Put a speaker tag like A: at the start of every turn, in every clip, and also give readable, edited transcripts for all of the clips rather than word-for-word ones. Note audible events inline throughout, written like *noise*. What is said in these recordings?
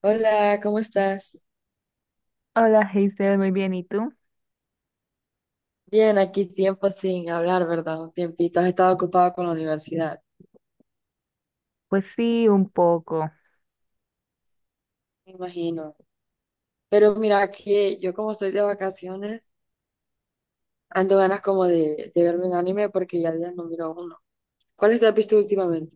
A: Hola, ¿cómo estás?
B: Hola, Hazel, muy bien. ¿Y tú?
A: Bien, aquí tiempo sin hablar, ¿verdad? Un tiempito. Has estado ocupado con la universidad,
B: Pues sí, un poco.
A: me imagino. Pero mira, que yo como estoy de vacaciones, ando ganas como de verme un anime porque ya días no miro uno. ¿Cuáles te has visto últimamente?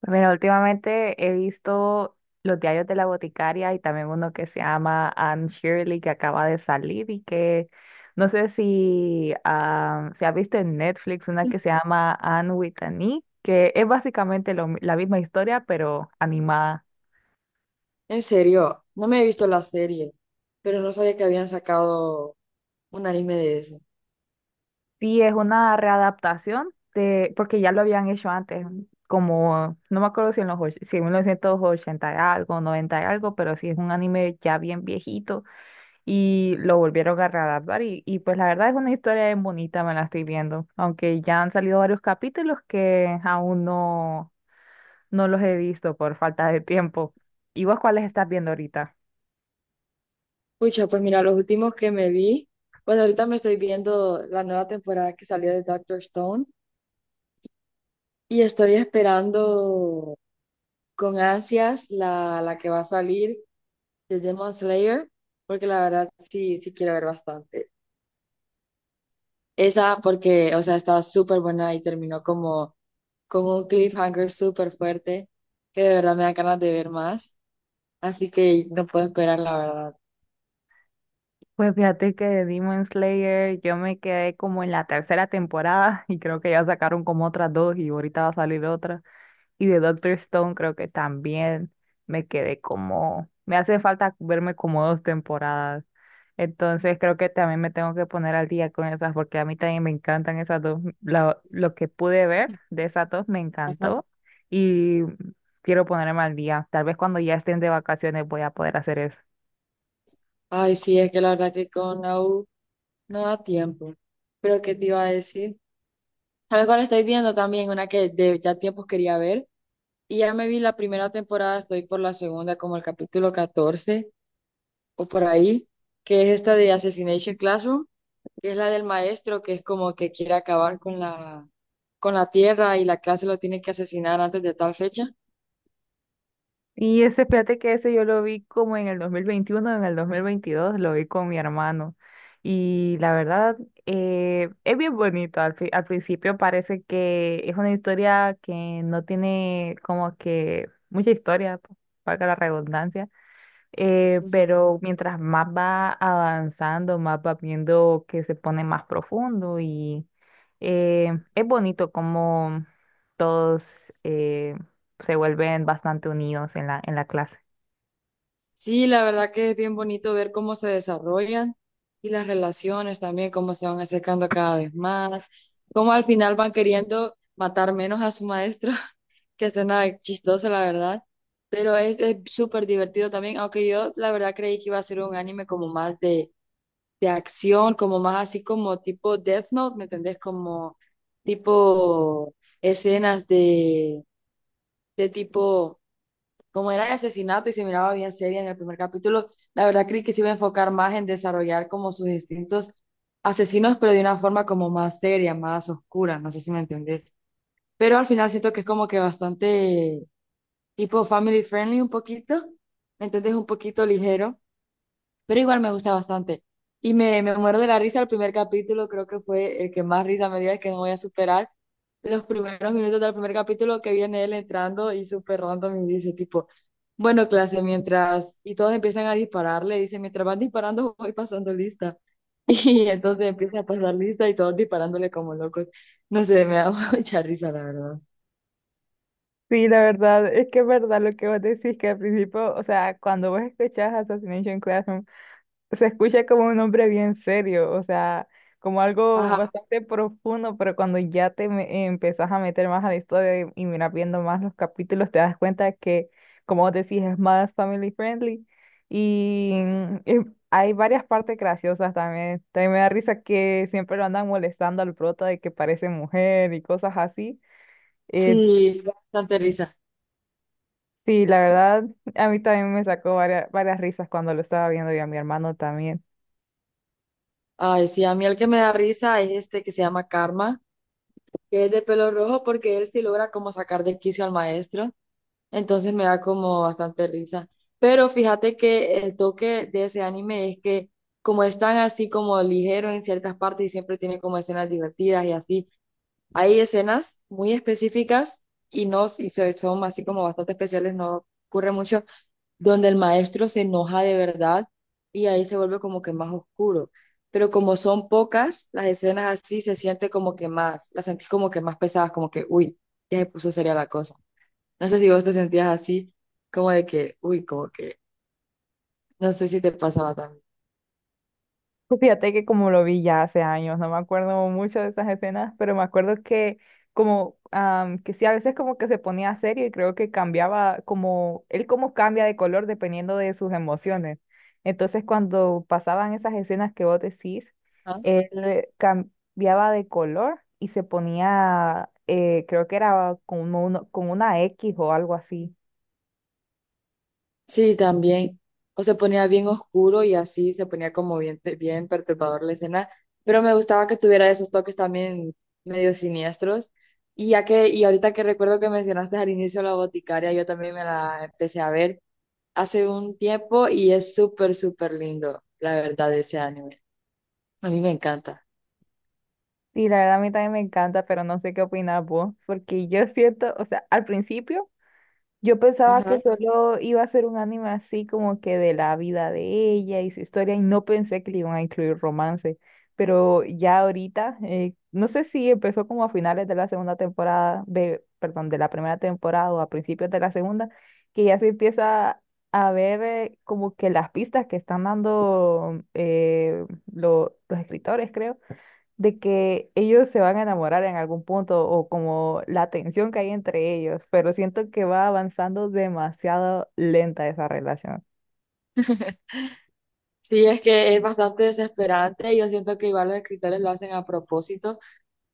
B: Pues mira, últimamente he visto los diarios de la boticaria y también uno que se llama Anne Shirley que acaba de salir y que no sé si se ha visto en Netflix una que se llama Anne with an E, que es básicamente la misma historia pero animada.
A: En serio, no me he visto la serie, pero no sabía que habían sacado un anime de eso.
B: Sí, es una readaptación de, porque ya lo habían hecho antes, como, no me acuerdo si en los, si en 1980 y algo, 90 y algo, pero sí es un anime ya bien viejito y lo volvieron a readaptar y pues la verdad es una historia bien bonita, me la estoy viendo, aunque ya han salido varios capítulos que aún no, no los he visto por falta de tiempo. ¿Y vos cuáles estás viendo ahorita?
A: Pucha, pues mira, los últimos que me vi, bueno, ahorita me estoy viendo la nueva temporada que salió de Doctor Stone y estoy esperando con ansias la que va a salir de Demon Slayer, porque la verdad sí, sí quiero ver bastante. Esa porque, o sea, estaba súper buena y terminó como con un cliffhanger súper fuerte, que de verdad me da ganas de ver más, así que no puedo esperar, la verdad.
B: Pues fíjate que de Demon Slayer yo me quedé como en la tercera temporada *laughs* y creo que ya sacaron como otras dos y ahorita va a salir otra. Y de Doctor Stone creo que también me quedé como, me hace falta verme como dos temporadas. Entonces creo que también me tengo que poner al día con esas porque a mí también me encantan esas dos. Lo que pude ver de esas dos me
A: Ajá.
B: encantó y quiero ponerme al día. Tal vez cuando ya estén de vacaciones voy a poder hacer eso.
A: Ay, sí, es que la verdad que con AU no da tiempo. Pero ¿qué te iba a decir? ¿Sabes cuál estoy viendo también? Una que de ya tiempos quería ver. Y ya me vi la primera temporada, estoy por la segunda, como el capítulo 14 o por ahí, que es esta de Assassination Classroom, que es la del maestro que es como que quiere acabar con con la tierra y la clase lo tiene que asesinar antes de tal fecha.
B: Y ese, fíjate que ese yo lo vi como en el 2021, en el 2022 lo vi con mi hermano. Y la verdad, es bien bonito. Al principio parece que es una historia que no tiene como que mucha historia, valga la redundancia.
A: Ujú.
B: Pero mientras más va avanzando, más va viendo que se pone más profundo. eh, es bonito como todos, eh, se vuelven bastante unidos en la clase.
A: Sí, la verdad que es bien bonito ver cómo se desarrollan y las relaciones también, cómo se van acercando cada vez más, cómo al final van queriendo matar menos a su maestro, *laughs* que suena chistoso, la verdad. Pero es súper divertido también, aunque yo la verdad creí que iba a ser un anime como más de acción, como más así como tipo Death Note, ¿me entendés? Como tipo escenas de tipo, como era de asesinato y se miraba bien seria en el primer capítulo, la verdad creí que se iba a enfocar más en desarrollar como sus distintos asesinos, pero de una forma como más seria, más oscura, no sé si me entendés. Pero al final siento que es como que bastante tipo family friendly un poquito, ¿me entendés? Un poquito ligero pero igual me gusta bastante. Y me muero de la risa el primer capítulo, creo que fue el que más risa me dio, es que no voy a superar. Los primeros minutos del primer capítulo que viene él entrando y súper random y dice tipo, bueno, clase, mientras, y todos empiezan a dispararle, dice, mientras van disparando *laughs* voy pasando lista. *laughs* Y entonces empieza a pasar lista y todos disparándole como locos. No sé, me da *laughs* mucha risa, la verdad.
B: Sí, la verdad, es que es verdad lo que vos decís, que al principio, o sea, cuando vos escuchás Assassination Classroom se escucha como un hombre bien serio, o sea, como algo
A: Ajá,
B: bastante profundo, pero cuando ya empezás a meter más a la historia y miras viendo más los capítulos, te das cuenta que, como vos decís, es más family friendly y, eh, hay varias partes graciosas también. También me da risa que siempre lo andan molestando al prota de que parece mujer y cosas así. Eh,
A: sí, bastante risa.
B: sí, la verdad, a mí también me sacó varias risas cuando lo estaba viendo y a mi hermano también.
A: Ay, sí, a mí el que me da risa es este que se llama Karma que es de pelo rojo porque él sí logra como sacar de quicio al maestro, entonces me da como bastante risa. Pero fíjate que el toque de ese anime es que como es tan así como ligero en ciertas partes y siempre tiene como escenas divertidas y así, hay escenas muy específicas y no, y se- son así como bastante especiales, no ocurre mucho, donde el maestro se enoja de verdad y ahí se vuelve como que más oscuro. Pero como son pocas, las escenas así se siente como que más, las sentís como que más pesadas, como que, uy, ya se puso seria la cosa. No sé si vos te sentías así, como de que, uy, como que, no sé si te pasaba también.
B: Pues fíjate que como lo vi ya hace años, no me acuerdo mucho de esas escenas, pero me acuerdo que que sí, a veces como que se ponía serio y creo que cambiaba como, él como cambia de color dependiendo de sus emociones. Entonces cuando pasaban esas escenas que vos decís, él cambiaba de color y se ponía, creo que era como uno, con una X o algo así.
A: Sí, también. O se ponía bien oscuro y así se ponía como bien, bien perturbador la escena. Pero me gustaba que tuviera esos toques también medio siniestros. Y ya que, y ahorita que recuerdo que mencionaste al inicio la boticaria, yo también me la empecé a ver hace un tiempo y es súper, súper lindo, la verdad, ese anime. A mí me encanta.
B: Sí, la verdad a mí también me encanta, pero no sé qué opinas vos, porque yo siento, o sea, al principio. Yo pensaba que
A: Ajá.
B: solo iba a ser un anime así como que de la vida de ella y su historia y no pensé que le iban a incluir romance, pero ya ahorita, no sé si empezó como a finales de la segunda temporada, de, perdón, de la primera temporada o a principios de la segunda, que ya se empieza a ver como que las pistas que están dando, los escritores, creo, de que ellos se van a enamorar en algún punto o como la tensión que hay entre ellos, pero siento que va avanzando demasiado lenta esa relación.
A: Sí, es que es bastante desesperante y yo siento que igual los escritores lo hacen a propósito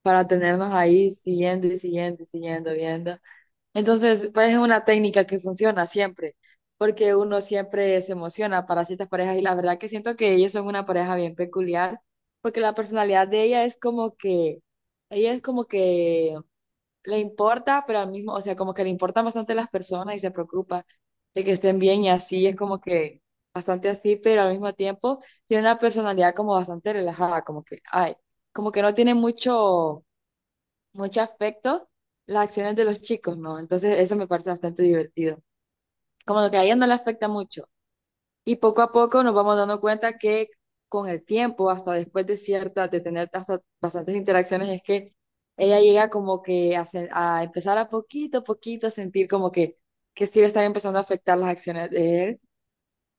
A: para tenernos ahí siguiendo y siguiendo y siguiendo viendo. Entonces, pues es una técnica que funciona siempre, porque uno siempre se emociona para ciertas parejas y la verdad que siento que ellos son una pareja bien peculiar, porque la personalidad de ella es como que, ella es como que le importa, pero al mismo, o sea, como que le importan bastante las personas y se preocupa de que estén bien y así, es como que bastante así, pero al mismo tiempo tiene una personalidad como bastante relajada, como que, ay, como que no tiene mucho afecto las acciones de los chicos, ¿no? Entonces eso me parece bastante divertido. Como lo que a ella no le afecta mucho. Y poco a poco nos vamos dando cuenta que con el tiempo, hasta después de ciertas, de tener hasta bastantes interacciones, es que ella llega como que a, sen- a empezar a poquito a poquito a sentir como que sí le están empezando a afectar las acciones de él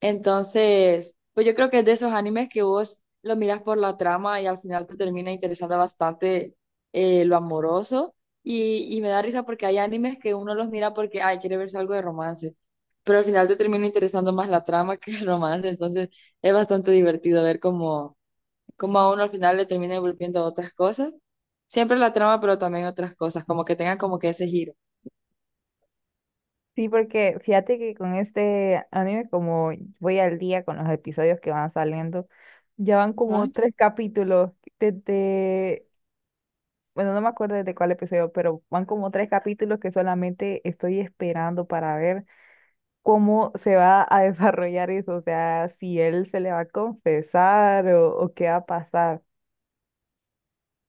A: entonces, pues yo creo que es de esos animes que vos lo miras por la trama y al final te termina interesando bastante lo amoroso. Y me da risa porque hay animes que uno los mira porque, ay, quiere verse algo de romance. Pero al final te termina interesando más la trama *laughs* que el romance. Entonces, es bastante divertido ver cómo, cómo a uno al final le termina volviendo otras cosas. Siempre la trama, pero también otras cosas, como que tengan como que ese giro.
B: Sí, porque fíjate que con este anime, como voy al día con los episodios que van saliendo, ya van
A: Ajá.
B: como tres capítulos desde, bueno, no me acuerdo desde cuál episodio, pero van como tres capítulos que solamente estoy esperando para ver cómo se va a *laughs* desarrollar eso, o sea, si él se le va a confesar o qué va a pasar.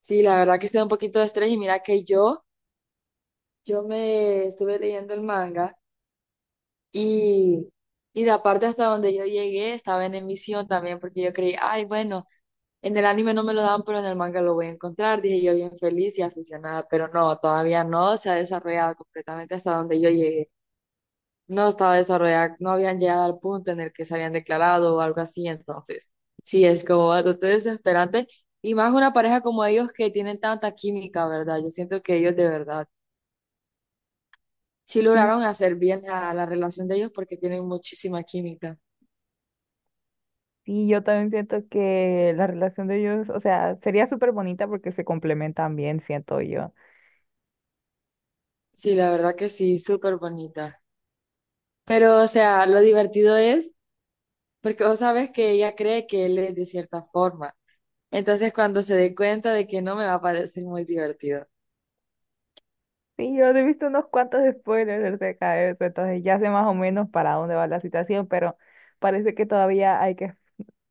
A: Sí, la verdad que se da un poquito de estrés y mira que yo me estuve leyendo el manga. Y, y de parte hasta donde yo llegué estaba en emisión también porque yo creí, ay, bueno, en el anime no me lo dan, pero en el manga lo voy a encontrar, dije yo bien feliz y aficionada, pero no, todavía no se ha desarrollado completamente hasta donde yo llegué. No estaba desarrollada, no habían llegado al punto en el que se habían declarado o algo así, entonces sí es como bastante desesperante. Y más una pareja como ellos que tienen tanta química, ¿verdad? Yo siento que ellos de verdad sí
B: Sí,
A: lograron hacer bien a la relación de ellos porque tienen muchísima química.
B: sí, yo también siento que la relación de ellos, o sea, sería súper bonita porque se complementan bien, siento yo.
A: Sí, la verdad que sí, súper bonita. Pero, o sea, lo divertido es porque vos sabes que ella cree que él es de cierta forma. Entonces, cuando se dé cuenta de que no me va a parecer muy divertido.
B: Sí, yo he visto unos cuantos spoilers acerca de eso, entonces ya sé más o menos para dónde va la situación, pero parece que todavía hay que.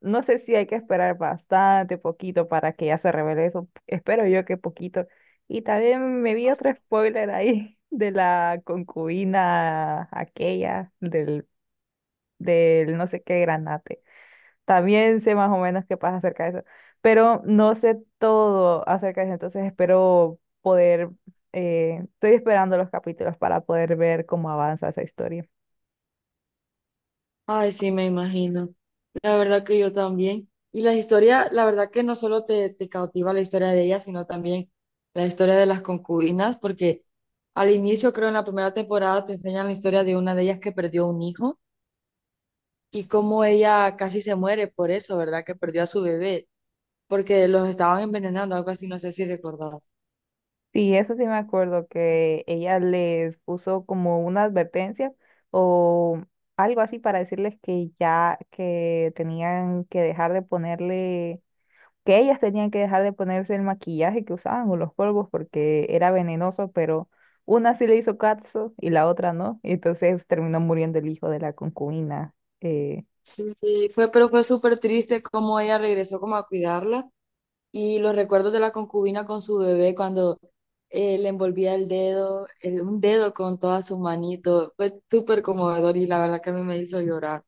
B: No sé si hay que esperar bastante, poquito para que ya se revele eso. Espero yo que poquito. Y también me vi otro spoiler ahí *laughs* de la concubina aquella, del no sé qué granate. También sé más o menos qué pasa acerca de eso, pero no sé todo acerca de eso. Entonces espero poder, estoy esperando los capítulos para poder ver cómo avanza esa historia.
A: Ay, sí, me imagino. La verdad que yo también. Y la historia, la verdad que no solo te cautiva la historia de ella, sino también la historia de las concubinas, porque al inicio, creo en la primera temporada, te enseñan la historia de una de ellas que perdió un hijo y cómo ella casi se muere por eso, ¿verdad? Que perdió a su bebé porque los estaban envenenando, algo así, no sé si recordás.
B: Sí, eso sí me acuerdo que ella les puso como una advertencia o algo así para decirles que ya que tenían que dejar de ponerle, que ellas tenían que dejar de ponerse el maquillaje que usaban o los polvos porque era venenoso, pero una sí le hizo caso y la otra no, y entonces terminó muriendo el hijo de la concubina. eh,
A: Sí, fue, pero fue súper triste cómo ella regresó como a cuidarla y los recuerdos de la concubina con su bebé cuando le envolvía el dedo, el- un dedo con toda su manito, fue súper conmovedor y la verdad que a mí me hizo llorar.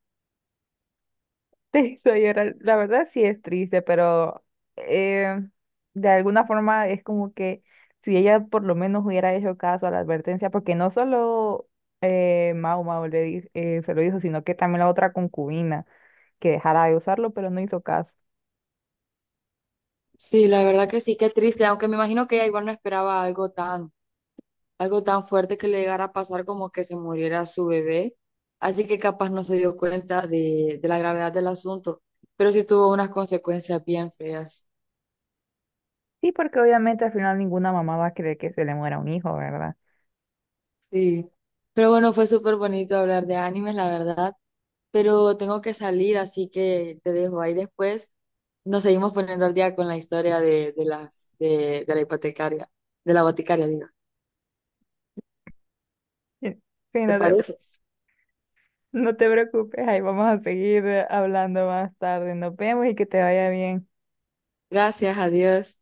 B: Te hizo llorar. *laughs* La verdad sí es triste, pero eh, de alguna forma es como que si ella por lo menos hubiera hecho caso a la advertencia, porque no solo, Mau Mau se lo hizo, sino que también la otra concubina que dejara de usarlo, pero no hizo caso.
A: Sí, la verdad que sí, qué triste, aunque me imagino que ella igual no esperaba algo tan fuerte que le llegara a pasar como que se muriera su bebé. Así que capaz no se dio cuenta de la gravedad del asunto, pero sí tuvo unas consecuencias bien feas.
B: Sí, porque obviamente al final ninguna mamá va a querer que se le muera un hijo, ¿verdad?
A: Sí. Pero bueno, fue súper bonito hablar de animes, la verdad. Pero tengo que salir, así que te dejo ahí después. Nos seguimos poniendo al día con la historia de la hipotecaria, de la boticaria, digo.
B: Sí, sí,
A: ¿Te
B: no te,
A: parece?
B: no te preocupes, ahí vamos a seguir hablando más tarde. Nos vemos y que te vaya bien.
A: Gracias, adiós.